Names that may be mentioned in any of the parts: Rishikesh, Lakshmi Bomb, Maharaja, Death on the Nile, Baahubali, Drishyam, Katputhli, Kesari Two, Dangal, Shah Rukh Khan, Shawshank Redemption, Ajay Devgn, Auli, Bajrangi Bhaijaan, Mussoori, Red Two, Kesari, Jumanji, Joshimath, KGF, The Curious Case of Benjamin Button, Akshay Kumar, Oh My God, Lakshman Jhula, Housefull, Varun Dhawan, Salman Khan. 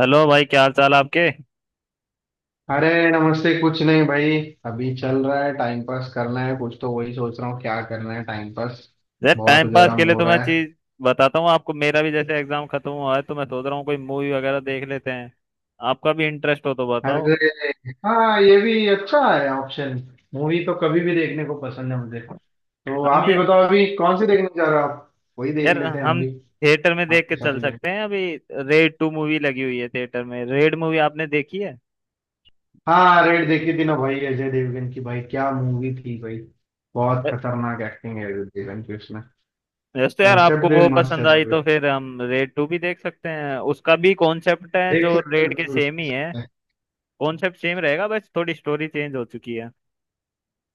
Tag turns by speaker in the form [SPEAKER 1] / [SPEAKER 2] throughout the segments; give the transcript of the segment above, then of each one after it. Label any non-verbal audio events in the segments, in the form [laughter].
[SPEAKER 1] Hello भाई, क्या हाल चाल आपके।
[SPEAKER 2] अरे नमस्ते, कुछ नहीं भाई। अभी चल रहा है, टाइम पास करना है कुछ, तो वही सोच रहा हूँ क्या करना है टाइम पास।
[SPEAKER 1] यार,
[SPEAKER 2] बहुत
[SPEAKER 1] टाइम पास
[SPEAKER 2] गर्म
[SPEAKER 1] के लिए
[SPEAKER 2] हो
[SPEAKER 1] तो मैं
[SPEAKER 2] रहा है।
[SPEAKER 1] चीज बताता हूँ आपको। मेरा भी जैसे एग्जाम खत्म हुआ है तो मैं सोच रहा हूँ कोई मूवी वगैरह देख लेते हैं। आपका भी इंटरेस्ट हो तो बताओ।
[SPEAKER 2] अरे हाँ, ये भी अच्छा है ऑप्शन। मूवी तो कभी भी देखने को पसंद है मुझे, तो
[SPEAKER 1] हम
[SPEAKER 2] आप ही
[SPEAKER 1] यार
[SPEAKER 2] बताओ अभी कौन सी देखने जा रहे हो आप। वही देख
[SPEAKER 1] यार
[SPEAKER 2] लेते हैं हम
[SPEAKER 1] हम
[SPEAKER 2] भी,
[SPEAKER 1] थिएटर में देख
[SPEAKER 2] आपके
[SPEAKER 1] के
[SPEAKER 2] साथ
[SPEAKER 1] चल
[SPEAKER 2] ही जाएंगे।
[SPEAKER 1] सकते हैं अभी। रेड 2 मूवी लगी हुई है थिएटर में। रेड मूवी आपने देखी है?
[SPEAKER 2] हाँ, रेड देखी थी ना भाई, अजय देवगन की। भाई क्या मूवी थी भाई, बहुत
[SPEAKER 1] अ-
[SPEAKER 2] खतरनाक एक्टिंग है अजय देवगन की उसमें।
[SPEAKER 1] यस। तो यार,
[SPEAKER 2] कंसेप्ट
[SPEAKER 1] आपको
[SPEAKER 2] भी
[SPEAKER 1] वो
[SPEAKER 2] मस्त
[SPEAKER 1] पसंद
[SPEAKER 2] है
[SPEAKER 1] आई
[SPEAKER 2] भाई,
[SPEAKER 1] तो फिर हम रेड 2 भी देख सकते हैं। उसका भी कॉन्सेप्ट है
[SPEAKER 2] देख
[SPEAKER 1] जो
[SPEAKER 2] सकते हैं,
[SPEAKER 1] रेड के
[SPEAKER 2] जरूर
[SPEAKER 1] सेम
[SPEAKER 2] देख
[SPEAKER 1] ही है।
[SPEAKER 2] सकते हैं।
[SPEAKER 1] कॉन्सेप्ट सेम रहेगा, बस थोड़ी स्टोरी चेंज हो चुकी है।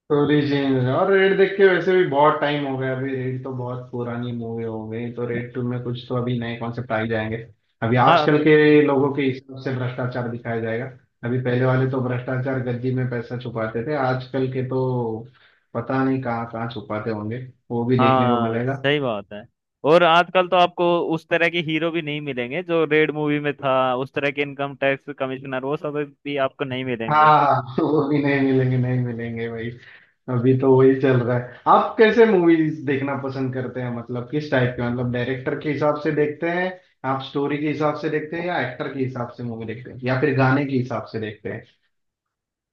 [SPEAKER 2] स्टोरी चेंज है। और रेड देख के वैसे भी बहुत टाइम हो गया, अभी रेड तो बहुत पुरानी मूवी हो गई, तो रेड टू में कुछ तो अभी नए कॉन्सेप्ट आ ही जाएंगे। अभी
[SPEAKER 1] हाँ
[SPEAKER 2] आजकल के लोगों के हिसाब से भ्रष्टाचार दिखाया जाएगा। अभी पहले वाले तो भ्रष्टाचार गद्दी में पैसा छुपाते थे, आजकल के तो पता नहीं कहाँ कहाँ छुपाते होंगे। वो भी देखने को
[SPEAKER 1] हाँ,
[SPEAKER 2] मिलेगा।
[SPEAKER 1] सही बात है। और आजकल तो आपको उस तरह के हीरो भी नहीं मिलेंगे जो रेड मूवी में था। उस तरह के इनकम टैक्स कमिश्नर वो सब भी आपको नहीं मिलेंगे।
[SPEAKER 2] हाँ [laughs] वो भी नहीं मिलेंगे, नहीं मिलेंगे भाई। अभी तो वही चल रहा है। आप कैसे मूवीज देखना पसंद करते हैं, मतलब किस टाइप के, मतलब डायरेक्टर के हिसाब से देखते हैं आप, स्टोरी के हिसाब से देखते हैं, या एक्टर के हिसाब से मूवी देखते हैं, या फिर गाने के हिसाब से देखते हैं।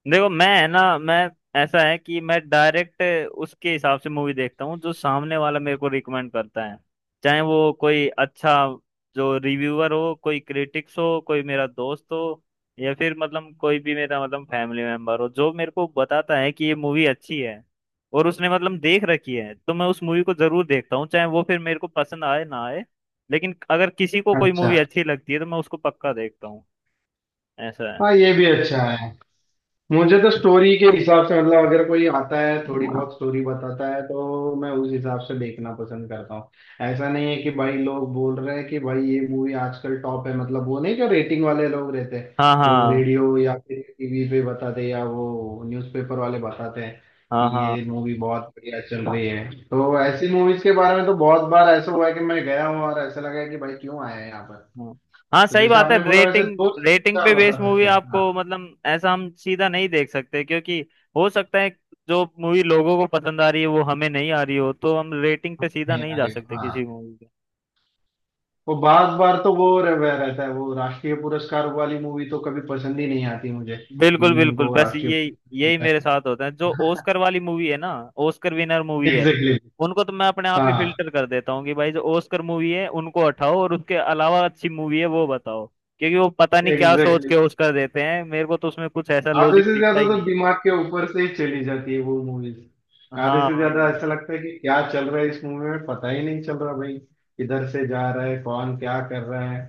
[SPEAKER 1] देखो, मैं है ना, मैं, ऐसा है कि मैं डायरेक्ट, उसके हिसाब से मूवी देखता हूँ जो सामने वाला मेरे को रिकमेंड करता है। चाहे वो कोई अच्छा जो रिव्यूअर हो, कोई क्रिटिक्स हो, कोई मेरा दोस्त हो, या फिर मतलब कोई भी मेरा मतलब फैमिली मेंबर हो जो मेरे को बताता है कि ये मूवी अच्छी है और उसने मतलब देख रखी है, तो मैं उस मूवी को जरूर देखता हूँ, चाहे वो फिर मेरे को पसंद आए ना आए। लेकिन अगर किसी को कोई
[SPEAKER 2] अच्छा।
[SPEAKER 1] मूवी अच्छी लगती है तो मैं उसको पक्का देखता हूँ। ऐसा है।
[SPEAKER 2] हाँ, ये भी अच्छा है। मुझे तो स्टोरी के हिसाब से, मतलब अगर कोई आता है थोड़ी बहुत स्टोरी बताता है तो मैं उस हिसाब से देखना पसंद करता हूँ। ऐसा नहीं है कि भाई लोग बोल रहे हैं कि भाई ये मूवी आजकल टॉप है, मतलब वो नहीं जो रेटिंग वाले लोग रहते हैं,
[SPEAKER 1] हाँ
[SPEAKER 2] वो
[SPEAKER 1] हाँ
[SPEAKER 2] रेडियो या फिर टीवी पे बताते हैं, या वो न्यूज़पेपर वाले बताते हैं कि
[SPEAKER 1] हाँ हाँ
[SPEAKER 2] ये मूवी बहुत बढ़िया चल रही है। तो ऐसी मूवीज के बारे में तो बहुत बार ऐसा हुआ है कि मैं गया हूँ और ऐसा लगा है कि भाई क्यों आया है यहाँ पर।
[SPEAKER 1] हाँ हाँ,
[SPEAKER 2] तो
[SPEAKER 1] सही
[SPEAKER 2] जैसे
[SPEAKER 1] बात है।
[SPEAKER 2] आपने बोला वैसे
[SPEAKER 1] रेटिंग।
[SPEAKER 2] दोस्त
[SPEAKER 1] रेटिंग
[SPEAKER 2] अच्छा
[SPEAKER 1] पे बेस्ड
[SPEAKER 2] बता
[SPEAKER 1] मूवी
[SPEAKER 2] सकते हैं,
[SPEAKER 1] आपको
[SPEAKER 2] हाँ।
[SPEAKER 1] मतलब ऐसा हम सीधा नहीं देख सकते, क्योंकि हो सकता है जो मूवी लोगों को पसंद आ रही है वो हमें नहीं आ रही हो, तो हम रेटिंग पे सीधा
[SPEAKER 2] नहीं
[SPEAKER 1] नहीं
[SPEAKER 2] आ
[SPEAKER 1] जा
[SPEAKER 2] रही,
[SPEAKER 1] सकते
[SPEAKER 2] हाँ।
[SPEAKER 1] किसी मूवी पे।
[SPEAKER 2] वो बार बार तो वो रह वह रहता है, वो राष्ट्रीय पुरस्कार वाली मूवी तो कभी पसंद ही नहीं आती मुझे,
[SPEAKER 1] बिल्कुल
[SPEAKER 2] जिन जिनको
[SPEAKER 1] बिल्कुल,
[SPEAKER 2] वो
[SPEAKER 1] बस
[SPEAKER 2] राष्ट्रीय
[SPEAKER 1] ये
[SPEAKER 2] पुरस्कार
[SPEAKER 1] यही
[SPEAKER 2] होता है।
[SPEAKER 1] मेरे साथ होता है जो ओस्कर वाली मूवी है ना। ओस्कर विनर मूवी है।
[SPEAKER 2] एग्जैक्टली।
[SPEAKER 1] उनको तो मैं अपने आप ही
[SPEAKER 2] हाँ,
[SPEAKER 1] फिल्टर कर देता हूँ कि भाई जो ओस्कर मूवी है उनको हटाओ और उसके अलावा अच्छी मूवी है वो बताओ। क्योंकि वो पता नहीं क्या सोच
[SPEAKER 2] एग्जैक्टली।
[SPEAKER 1] के ओस्कर देते हैं, मेरे को तो उसमें कुछ ऐसा
[SPEAKER 2] आधे
[SPEAKER 1] लॉजिक
[SPEAKER 2] से
[SPEAKER 1] दिखता
[SPEAKER 2] ज्यादा
[SPEAKER 1] ही
[SPEAKER 2] तो
[SPEAKER 1] नहीं।
[SPEAKER 2] दिमाग के ऊपर से ही चली जाती है वो मूवीज। आधे
[SPEAKER 1] हाँ
[SPEAKER 2] से
[SPEAKER 1] वही।
[SPEAKER 2] ज्यादा ऐसा लगता है कि क्या चल रहा है इस मूवी में, पता ही नहीं चल रहा भाई किधर से जा रहा है, कौन क्या कर रहा है।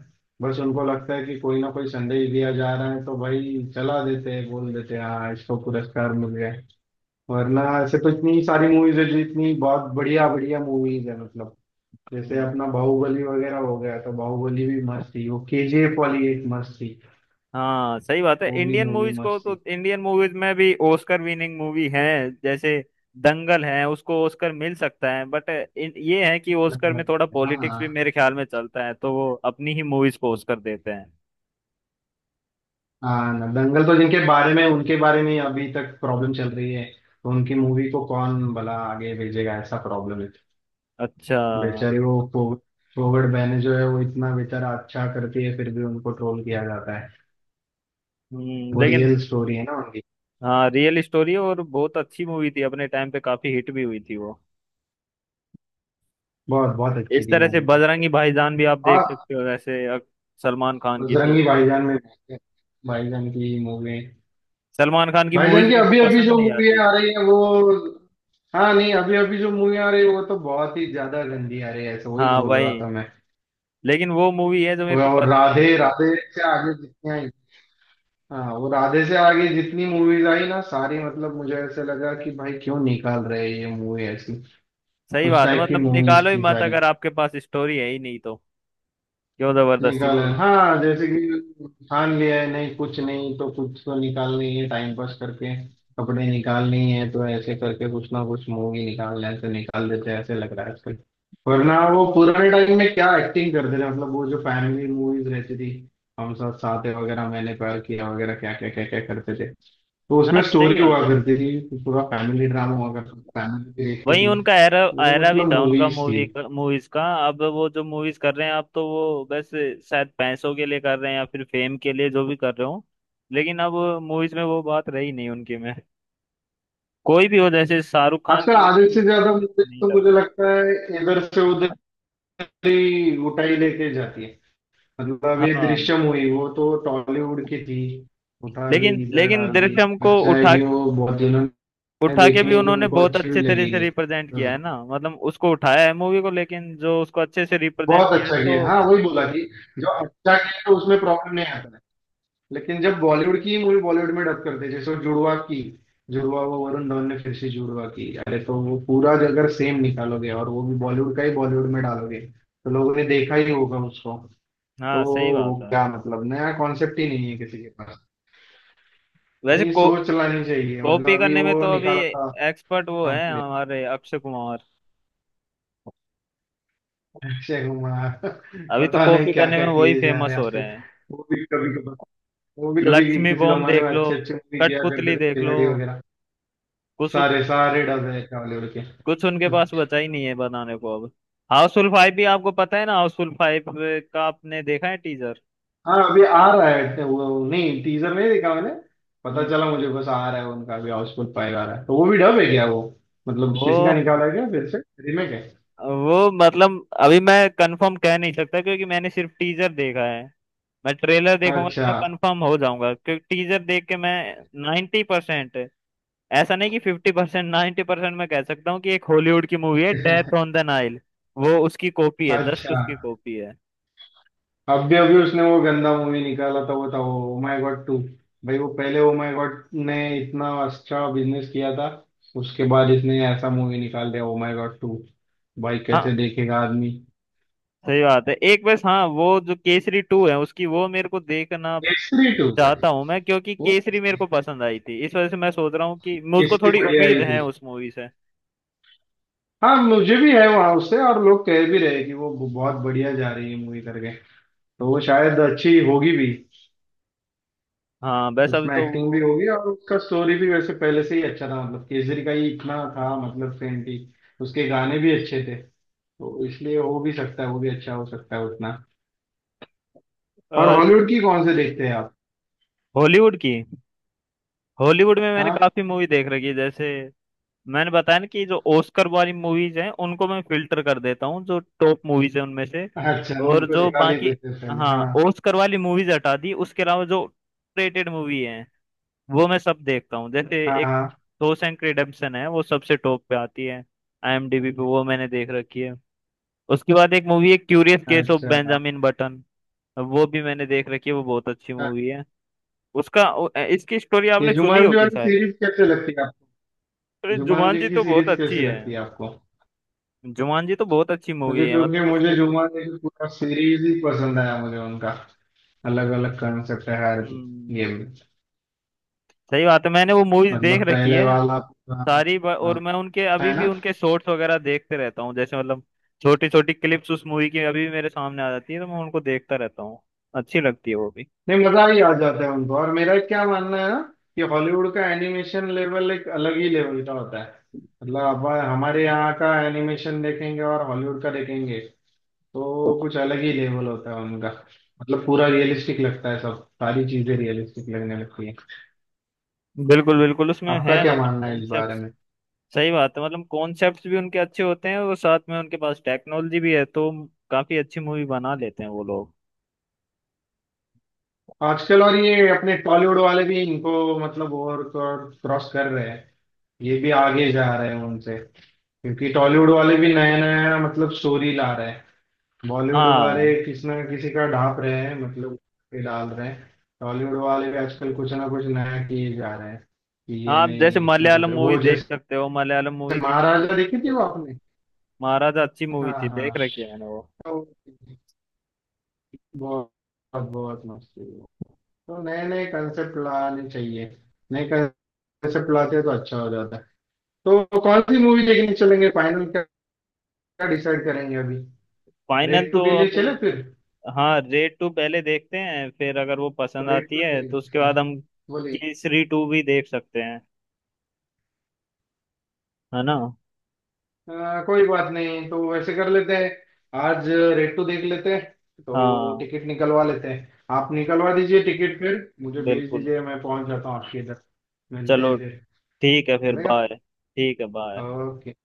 [SPEAKER 2] बस उनको लगता है कि कोई ना कोई संदेश दिया जा रहा है, तो भाई चला देते हैं, बोल देते हैं हाँ, इसको पुरस्कार मिल गया। वरना ऐसे तो इतनी सारी मूवीज है, जो इतनी बहुत बढ़िया बढ़िया मूवीज है मतलब, जैसे
[SPEAKER 1] हम्म,
[SPEAKER 2] अपना बाहुबली वगैरह हो गया, तो बाहुबली भी मस्त थी, वो केजीएफ वाली एक मस्त थी,
[SPEAKER 1] हाँ, सही बात है।
[SPEAKER 2] वो भी
[SPEAKER 1] इंडियन
[SPEAKER 2] मूवी
[SPEAKER 1] मूवीज को
[SPEAKER 2] मस्त
[SPEAKER 1] तो
[SPEAKER 2] थी।
[SPEAKER 1] इंडियन मूवीज में भी ऑस्कर विनिंग मूवी है, जैसे दंगल है उसको ऑस्कर मिल सकता है, बट ये है कि ऑस्कर में
[SPEAKER 2] दंगल,
[SPEAKER 1] थोड़ा पॉलिटिक्स भी
[SPEAKER 2] हाँ।
[SPEAKER 1] मेरे ख्याल में चलता है, तो वो अपनी ही मूवीज को ऑस्कर देते हैं।
[SPEAKER 2] हाँ ना, दंगल तो जिनके बारे में, उनके बारे में अभी तक प्रॉब्लम चल रही है, तो उनकी मूवी को कौन भला आगे भेजेगा, ऐसा प्रॉब्लम है।
[SPEAKER 1] अच्छा।
[SPEAKER 2] बेचारे वो फोवर्ड बहने जो है, वो इतना बेचारा अच्छा करती है, फिर भी उनको ट्रोल किया जाता है।
[SPEAKER 1] हम्म,
[SPEAKER 2] वो
[SPEAKER 1] लेकिन
[SPEAKER 2] रियल स्टोरी है ना उनकी।
[SPEAKER 1] हाँ, रियल स्टोरी और बहुत अच्छी मूवी थी, अपने टाइम पे काफी हिट भी हुई थी वो।
[SPEAKER 2] बहुत बहुत अच्छी
[SPEAKER 1] इस
[SPEAKER 2] थी
[SPEAKER 1] तरह से
[SPEAKER 2] मूवी।
[SPEAKER 1] बजरंगी भाईजान भी आप
[SPEAKER 2] और
[SPEAKER 1] देख सकते हो वैसे, सलमान खान की थी।
[SPEAKER 2] बजरंगी भाईजान में देखते हैं। भाईजान की मूवी,
[SPEAKER 1] सलमान खान की मूवीज
[SPEAKER 2] भाईजान की
[SPEAKER 1] मेरे को
[SPEAKER 2] अभी अभी
[SPEAKER 1] पसंद
[SPEAKER 2] जो
[SPEAKER 1] नहीं
[SPEAKER 2] मूवी
[SPEAKER 1] आती।
[SPEAKER 2] आ रही है वो, हाँ नहीं, अभी अभी जो मूवी आ रही है वो तो बहुत ही ज्यादा गंदी आ रही है, ऐसे वही
[SPEAKER 1] हाँ
[SPEAKER 2] बोल रहा
[SPEAKER 1] वही,
[SPEAKER 2] था मैं।
[SPEAKER 1] लेकिन वो मूवी है जो मेरे
[SPEAKER 2] वो
[SPEAKER 1] को
[SPEAKER 2] और
[SPEAKER 1] पसंद आई
[SPEAKER 2] राधे,
[SPEAKER 1] थी।
[SPEAKER 2] राधे से आगे जितनी आई, हाँ वो राधे से आगे जितनी मूवीज आई ना सारी, मतलब मुझे ऐसे लगा कि भाई क्यों निकाल रहे हैं ये मूवी ऐसी,
[SPEAKER 1] सही
[SPEAKER 2] उस
[SPEAKER 1] बात है,
[SPEAKER 2] टाइप की
[SPEAKER 1] मतलब निकालो
[SPEAKER 2] मूवीज
[SPEAKER 1] ही
[SPEAKER 2] थी
[SPEAKER 1] मत
[SPEAKER 2] सारी।
[SPEAKER 1] अगर आपके पास स्टोरी है ही नहीं तो, क्यों जबरदस्ती
[SPEAKER 2] निकाल,
[SPEAKER 1] मूवी।
[SPEAKER 2] हाँ, जैसे कि ठान लिया है, नहीं कुछ नहीं तो कुछ तो निकालनी है, टाइम पास करके
[SPEAKER 1] हम्म।
[SPEAKER 2] कपड़े निकालने ही है, तो ऐसे करके कुछ ना कुछ मूवी निकालना है तो निकाल देते हैं, ऐसे लग रहा है आजकल। वरना वो पुराने टाइम में क्या एक्टिंग करते थे, मतलब वो जो फैमिली मूवीज रहती थी, हम साथ साथ हैं वगैरह, मैंने प्यार किया वगैरह, क्या क्या क्या क्या करते थे, तो
[SPEAKER 1] हाँ
[SPEAKER 2] उसमें
[SPEAKER 1] सही
[SPEAKER 2] स्टोरी हुआ
[SPEAKER 1] बात है।
[SPEAKER 2] करती थी, पूरा फैमिली ड्रामा हुआ करता, फैमिली देखती
[SPEAKER 1] वही
[SPEAKER 2] थी।
[SPEAKER 1] उनका एरा।
[SPEAKER 2] वो
[SPEAKER 1] एरा भी
[SPEAKER 2] मतलब
[SPEAKER 1] था उनका।
[SPEAKER 2] मूवीज थी।
[SPEAKER 1] मूवीज का अब वो जो मूवीज कर रहे हैं आप, तो वो बस शायद पैसों के लिए कर रहे हैं या फिर फेम के लिए, जो भी कर रहे हो, लेकिन अब मूवीज में वो बात रही नहीं उनकी में, कोई भी हो, जैसे शाहरुख खान
[SPEAKER 2] आजकल
[SPEAKER 1] की भी
[SPEAKER 2] आधे से ज्यादा मुझे
[SPEAKER 1] नहीं
[SPEAKER 2] तो,
[SPEAKER 1] लग
[SPEAKER 2] मुझे लगता है इधर से उधर
[SPEAKER 1] रहा।
[SPEAKER 2] ही उठाई लेके जाती है। मतलब अब ये
[SPEAKER 1] हाँ,
[SPEAKER 2] दृश्यम हुई, वो तो टॉलीवुड की थी, उठा ली
[SPEAKER 1] लेकिन
[SPEAKER 2] इधर
[SPEAKER 1] लेकिन
[SPEAKER 2] डाल दी।
[SPEAKER 1] दृश्यम को
[SPEAKER 2] अच्छा है
[SPEAKER 1] उठा,
[SPEAKER 2] कि वो बहुत दिनों ने
[SPEAKER 1] उठा के
[SPEAKER 2] देखी
[SPEAKER 1] भी
[SPEAKER 2] नहीं थी,
[SPEAKER 1] उन्होंने
[SPEAKER 2] उनको
[SPEAKER 1] बहुत
[SPEAKER 2] अच्छी भी
[SPEAKER 1] अच्छे तरह से
[SPEAKER 2] लगेगी।
[SPEAKER 1] रिप्रेजेंट किया
[SPEAKER 2] तो
[SPEAKER 1] है ना, मतलब उसको उठाया है मूवी को, लेकिन जो उसको अच्छे से रिप्रेजेंट
[SPEAKER 2] बहुत
[SPEAKER 1] किया है
[SPEAKER 2] अच्छा
[SPEAKER 1] तो।
[SPEAKER 2] किया, हाँ वही बोला कि जो अच्छा किया तो उसमें प्रॉब्लम नहीं आता है। लेकिन जब बॉलीवुड की मूवी बॉलीवुड में डब करते हैं, जैसे वो जुड़वा की जुड़वा, वो वरुण धवन ने फिर से जुड़वा की, अरे तो वो पूरा अगर सेम निकालोगे और वो भी बॉलीवुड का ही बॉलीवुड में डालोगे तो लोगों ने देखा ही होगा उसको।
[SPEAKER 1] हाँ
[SPEAKER 2] तो
[SPEAKER 1] सही
[SPEAKER 2] वो
[SPEAKER 1] बात है।
[SPEAKER 2] क्या, मतलब नया कॉन्सेप्ट ही नहीं है किसी के पास,
[SPEAKER 1] वैसे
[SPEAKER 2] नहीं
[SPEAKER 1] को
[SPEAKER 2] सोच लानी चाहिए, मतलब
[SPEAKER 1] कॉपी
[SPEAKER 2] अभी
[SPEAKER 1] करने में
[SPEAKER 2] वो
[SPEAKER 1] तो अभी
[SPEAKER 2] निकाला था।
[SPEAKER 1] एक्सपर्ट वो
[SPEAKER 2] हाँ
[SPEAKER 1] है
[SPEAKER 2] बोलिए।
[SPEAKER 1] हमारे अक्षय कुमार।
[SPEAKER 2] अक्षय कुमार [laughs]
[SPEAKER 1] अभी तो
[SPEAKER 2] पता नहीं
[SPEAKER 1] कॉपी
[SPEAKER 2] क्या
[SPEAKER 1] करने
[SPEAKER 2] क्या
[SPEAKER 1] में वही
[SPEAKER 2] किए जा रहे
[SPEAKER 1] फेमस
[SPEAKER 2] हैं
[SPEAKER 1] हो रहे
[SPEAKER 2] आजकल।
[SPEAKER 1] हैं।
[SPEAKER 2] वो भी कभी कभी, वो भी कभी
[SPEAKER 1] लक्ष्मी
[SPEAKER 2] किसी
[SPEAKER 1] बॉम्ब
[SPEAKER 2] जमाने में
[SPEAKER 1] देख लो,
[SPEAKER 2] अच्छे अच्छे मूवी किया
[SPEAKER 1] कठपुतली
[SPEAKER 2] करते थे,
[SPEAKER 1] देख लो,
[SPEAKER 2] खिलाड़ी वगैरह।
[SPEAKER 1] कुछ
[SPEAKER 2] सारे सारे डब है बॉलीवुड के।
[SPEAKER 1] कुछ उनके
[SPEAKER 2] हाँ
[SPEAKER 1] पास बचा ही नहीं है बनाने को अब। हाउसफुल 5 भी आपको पता है ना, हाउसफुल 5 का आपने देखा है टीजर?
[SPEAKER 2] अभी आ रहा है तो, वो नहीं, टीजर नहीं देखा मैंने, पता
[SPEAKER 1] हम्म।
[SPEAKER 2] चला मुझे बस आ रहा है उनका, अभी हाउसफुल फाइव आ रहा है, तो वो भी डब है क्या वो, मतलब
[SPEAKER 1] वो
[SPEAKER 2] किसी का निकाला है क्या फिर से, रीमेक है।
[SPEAKER 1] वो मतलब अभी मैं कंफर्म कह नहीं सकता क्योंकि मैंने सिर्फ टीजर देखा है। मैं ट्रेलर देखूंगा तो
[SPEAKER 2] अच्छा।
[SPEAKER 1] मैं कंफर्म हो जाऊंगा, क्योंकि टीजर देख के मैं 90%, ऐसा नहीं कि 50%, 90% मैं कह सकता हूँ कि एक हॉलीवुड की मूवी है डेथ ऑन द नाइल, वो उसकी कॉपी है, जस्ट
[SPEAKER 2] अच्छा,
[SPEAKER 1] उसकी कॉपी है।
[SPEAKER 2] अभी अभी उसने वो गंदा मूवी निकाला था, वो था वो ओ माय गॉड टू। भाई वो पहले ओ माय गॉड ने इतना अच्छा बिजनेस किया था, उसके बाद इसने ऐसा मूवी निकाल दिया ओ माय गॉड टू, भाई
[SPEAKER 1] हाँ
[SPEAKER 2] कैसे देखेगा आदमी।
[SPEAKER 1] सही बात है। एक बस हाँ, वो जो केसरी 2 है उसकी, वो मेरे को देखना
[SPEAKER 2] केसरी टू भाई,
[SPEAKER 1] चाहता हूँ मैं, क्योंकि
[SPEAKER 2] वो
[SPEAKER 1] केसरी मेरे को पसंद आई थी, इस वजह से मैं सोच रहा हूँ कि मुझको
[SPEAKER 2] केसरी
[SPEAKER 1] थोड़ी
[SPEAKER 2] बढ़िया
[SPEAKER 1] उम्मीद
[SPEAKER 2] ही थी।
[SPEAKER 1] है उस मूवी से।
[SPEAKER 2] हाँ, मुझे भी है वहां उससे, और लोग कह भी रहे कि वो बहुत बढ़िया जा रही है मूवी करके, तो वो शायद अच्छी होगी भी।
[SPEAKER 1] हाँ बस अभी
[SPEAKER 2] उसमें
[SPEAKER 1] तो
[SPEAKER 2] एक्टिंग भी होगी, और उसका स्टोरी भी वैसे पहले से ही अच्छा था, मतलब केसरी का ही इतना था, मतलब सेम थी, उसके गाने भी अच्छे थे, तो इसलिए हो भी सकता है वो भी अच्छा हो सकता है उतना। और हॉलीवुड की कौन से देखते हैं आप?
[SPEAKER 1] हॉलीवुड की, हॉलीवुड में मैंने
[SPEAKER 2] हाँ।
[SPEAKER 1] काफी मूवी देख रखी है। जैसे मैंने बताया ना कि जो ऑस्कर वाली मूवीज हैं उनको मैं फिल्टर कर देता हूँ, जो टॉप मूवीज हैं उनमें से,
[SPEAKER 2] अच्छा,
[SPEAKER 1] और
[SPEAKER 2] उनको
[SPEAKER 1] जो
[SPEAKER 2] निकाल ही
[SPEAKER 1] बाकी,
[SPEAKER 2] देते हैं पहले,
[SPEAKER 1] हाँ,
[SPEAKER 2] हाँ।
[SPEAKER 1] ऑस्कर वाली मूवीज हटा दी, उसके अलावा जो रेटेड मूवी है वो मैं सब देखता हूँ। जैसे एक
[SPEAKER 2] हाँ।
[SPEAKER 1] शॉशैंक रिडेम्पशन है, वो सबसे टॉप पे आती है आईएमडीबी पे, वो मैंने देख रखी है। उसके बाद एक मूवी है क्यूरियस
[SPEAKER 2] हाँ।
[SPEAKER 1] केस ऑफ
[SPEAKER 2] अच्छा।
[SPEAKER 1] बेंजामिन बटन, वो भी मैंने देख रखी है, वो बहुत अच्छी
[SPEAKER 2] हाँ।
[SPEAKER 1] मूवी है। उसका, इसकी स्टोरी
[SPEAKER 2] ये
[SPEAKER 1] आपने सुनी
[SPEAKER 2] जुमान जी
[SPEAKER 1] होगी
[SPEAKER 2] वाली
[SPEAKER 1] शायद।
[SPEAKER 2] सीरीज कैसे लगती है आपको?
[SPEAKER 1] अरे
[SPEAKER 2] जुमान
[SPEAKER 1] जुमान जी
[SPEAKER 2] जी की
[SPEAKER 1] तो बहुत
[SPEAKER 2] सीरीज
[SPEAKER 1] अच्छी
[SPEAKER 2] कैसे
[SPEAKER 1] है।
[SPEAKER 2] लगती है आपको?
[SPEAKER 1] जुमान जी तो बहुत अच्छी
[SPEAKER 2] मुझे,
[SPEAKER 1] मूवी है,
[SPEAKER 2] क्योंकि
[SPEAKER 1] मतलब
[SPEAKER 2] मुझे
[SPEAKER 1] उसके,
[SPEAKER 2] जुम्मन की पूरा सीरीज ही पसंद आया, मुझे उनका अलग अलग कंसेप्ट है हर गेम
[SPEAKER 1] हम्म,
[SPEAKER 2] में।
[SPEAKER 1] सही बात है, मैंने वो मूवीज देख
[SPEAKER 2] मतलब
[SPEAKER 1] रखी
[SPEAKER 2] पहले
[SPEAKER 1] है
[SPEAKER 2] वाला पूरा,
[SPEAKER 1] सारी। और
[SPEAKER 2] हाँ,
[SPEAKER 1] मैं उनके अभी
[SPEAKER 2] है
[SPEAKER 1] भी
[SPEAKER 2] ना।
[SPEAKER 1] उनके शॉर्ट्स वगैरह देखते रहता हूँ, जैसे मतलब छोटी छोटी क्लिप्स उस मूवी की अभी भी मेरे सामने आ जाती है, तो मैं उनको देखता रहता हूँ, अच्छी लगती है वो भी।
[SPEAKER 2] नहीं मजा ही आ जाता है उनको। और मेरा क्या मानना है ना, कि हॉलीवुड का एनिमेशन लेवल एक अलग ही लेवल का होता है। मतलब अब हमारे यहाँ का एनिमेशन देखेंगे और हॉलीवुड का देखेंगे तो कुछ अलग ही लेवल होता है उनका, मतलब पूरा रियलिस्टिक लगता है, सब सारी चीजें रियलिस्टिक लगने लगती है।
[SPEAKER 1] बिल्कुल बिल्कुल, उसमें है
[SPEAKER 2] आपका क्या
[SPEAKER 1] मतलब
[SPEAKER 2] मानना है इस
[SPEAKER 1] कॉन्सेप्ट,
[SPEAKER 2] बारे में?
[SPEAKER 1] सही बात है, मतलब कॉन्सेप्ट्स भी उनके अच्छे होते हैं, और साथ में उनके पास टेक्नोलॉजी भी है, तो काफी अच्छी मूवी बना लेते हैं वो लोग।
[SPEAKER 2] आजकल और ये अपने टॉलीवुड वाले भी इनको मतलब और क्रॉस कर रहे हैं, ये भी आगे जा रहे हैं उनसे, क्योंकि टॉलीवुड वाले भी नया नया मतलब स्टोरी ला रहे हैं। बॉलीवुड
[SPEAKER 1] हाँ
[SPEAKER 2] वाले किसी ना किसी का ढाप रहे हैं मतलब, ये डाल रहे हैं। टॉलीवुड वाले भी आजकल कुछ ना कुछ नया किए जा रहे हैं, कि
[SPEAKER 1] हाँ,
[SPEAKER 2] ये
[SPEAKER 1] आप जैसे
[SPEAKER 2] नहीं इसमें कुछ
[SPEAKER 1] मलयालम मूवी
[SPEAKER 2] वो,
[SPEAKER 1] देख सकते
[SPEAKER 2] जैसे
[SPEAKER 1] हो, मलयालम मूवी की काफी
[SPEAKER 2] महाराजा देखी थी वो
[SPEAKER 1] अच्छी-
[SPEAKER 2] आपने?
[SPEAKER 1] महाराजा अच्छी मूवी
[SPEAKER 2] हाँ,
[SPEAKER 1] थी,
[SPEAKER 2] हाँ,
[SPEAKER 1] देख रखी है मैंने वो।
[SPEAKER 2] तो बहुत बहुत मस्त थी। तो नए नए कंसेप्ट लाने चाहिए, नए कंसेप्ट लाते हैं तो अच्छा हो जाता है। तो कौन सी मूवी देखने चलेंगे फाइनल, क्या डिसाइड करेंगे अभी,
[SPEAKER 1] फाइनल
[SPEAKER 2] रेड
[SPEAKER 1] तो
[SPEAKER 2] टू के लिए
[SPEAKER 1] अभी,
[SPEAKER 2] चले फिर?
[SPEAKER 1] हाँ, रेड 2 पहले देखते हैं, फिर अगर वो
[SPEAKER 2] तो
[SPEAKER 1] पसंद
[SPEAKER 2] रेड
[SPEAKER 1] आती
[SPEAKER 2] टू
[SPEAKER 1] है तो
[SPEAKER 2] देख,
[SPEAKER 1] उसके
[SPEAKER 2] हाँ
[SPEAKER 1] बाद हम
[SPEAKER 2] बोलिए।
[SPEAKER 1] केसरी 2 भी देख सकते हैं, है ना।
[SPEAKER 2] कोई बात नहीं, तो वैसे कर लेते हैं, आज रेड टू देख लेते हैं, तो
[SPEAKER 1] हाँ
[SPEAKER 2] टिकट निकलवा लेते हैं। आप निकलवा दीजिए टिकट, फिर मुझे भेज
[SPEAKER 1] बिल्कुल।
[SPEAKER 2] दीजिए, मैं पहुंच जाता हूँ आपके इधर। मिलते
[SPEAKER 1] चलो,
[SPEAKER 2] हैं फिर।
[SPEAKER 1] ठीक है, फिर
[SPEAKER 2] चलेगा,
[SPEAKER 1] बाय। ठीक है, बाय।
[SPEAKER 2] ओके।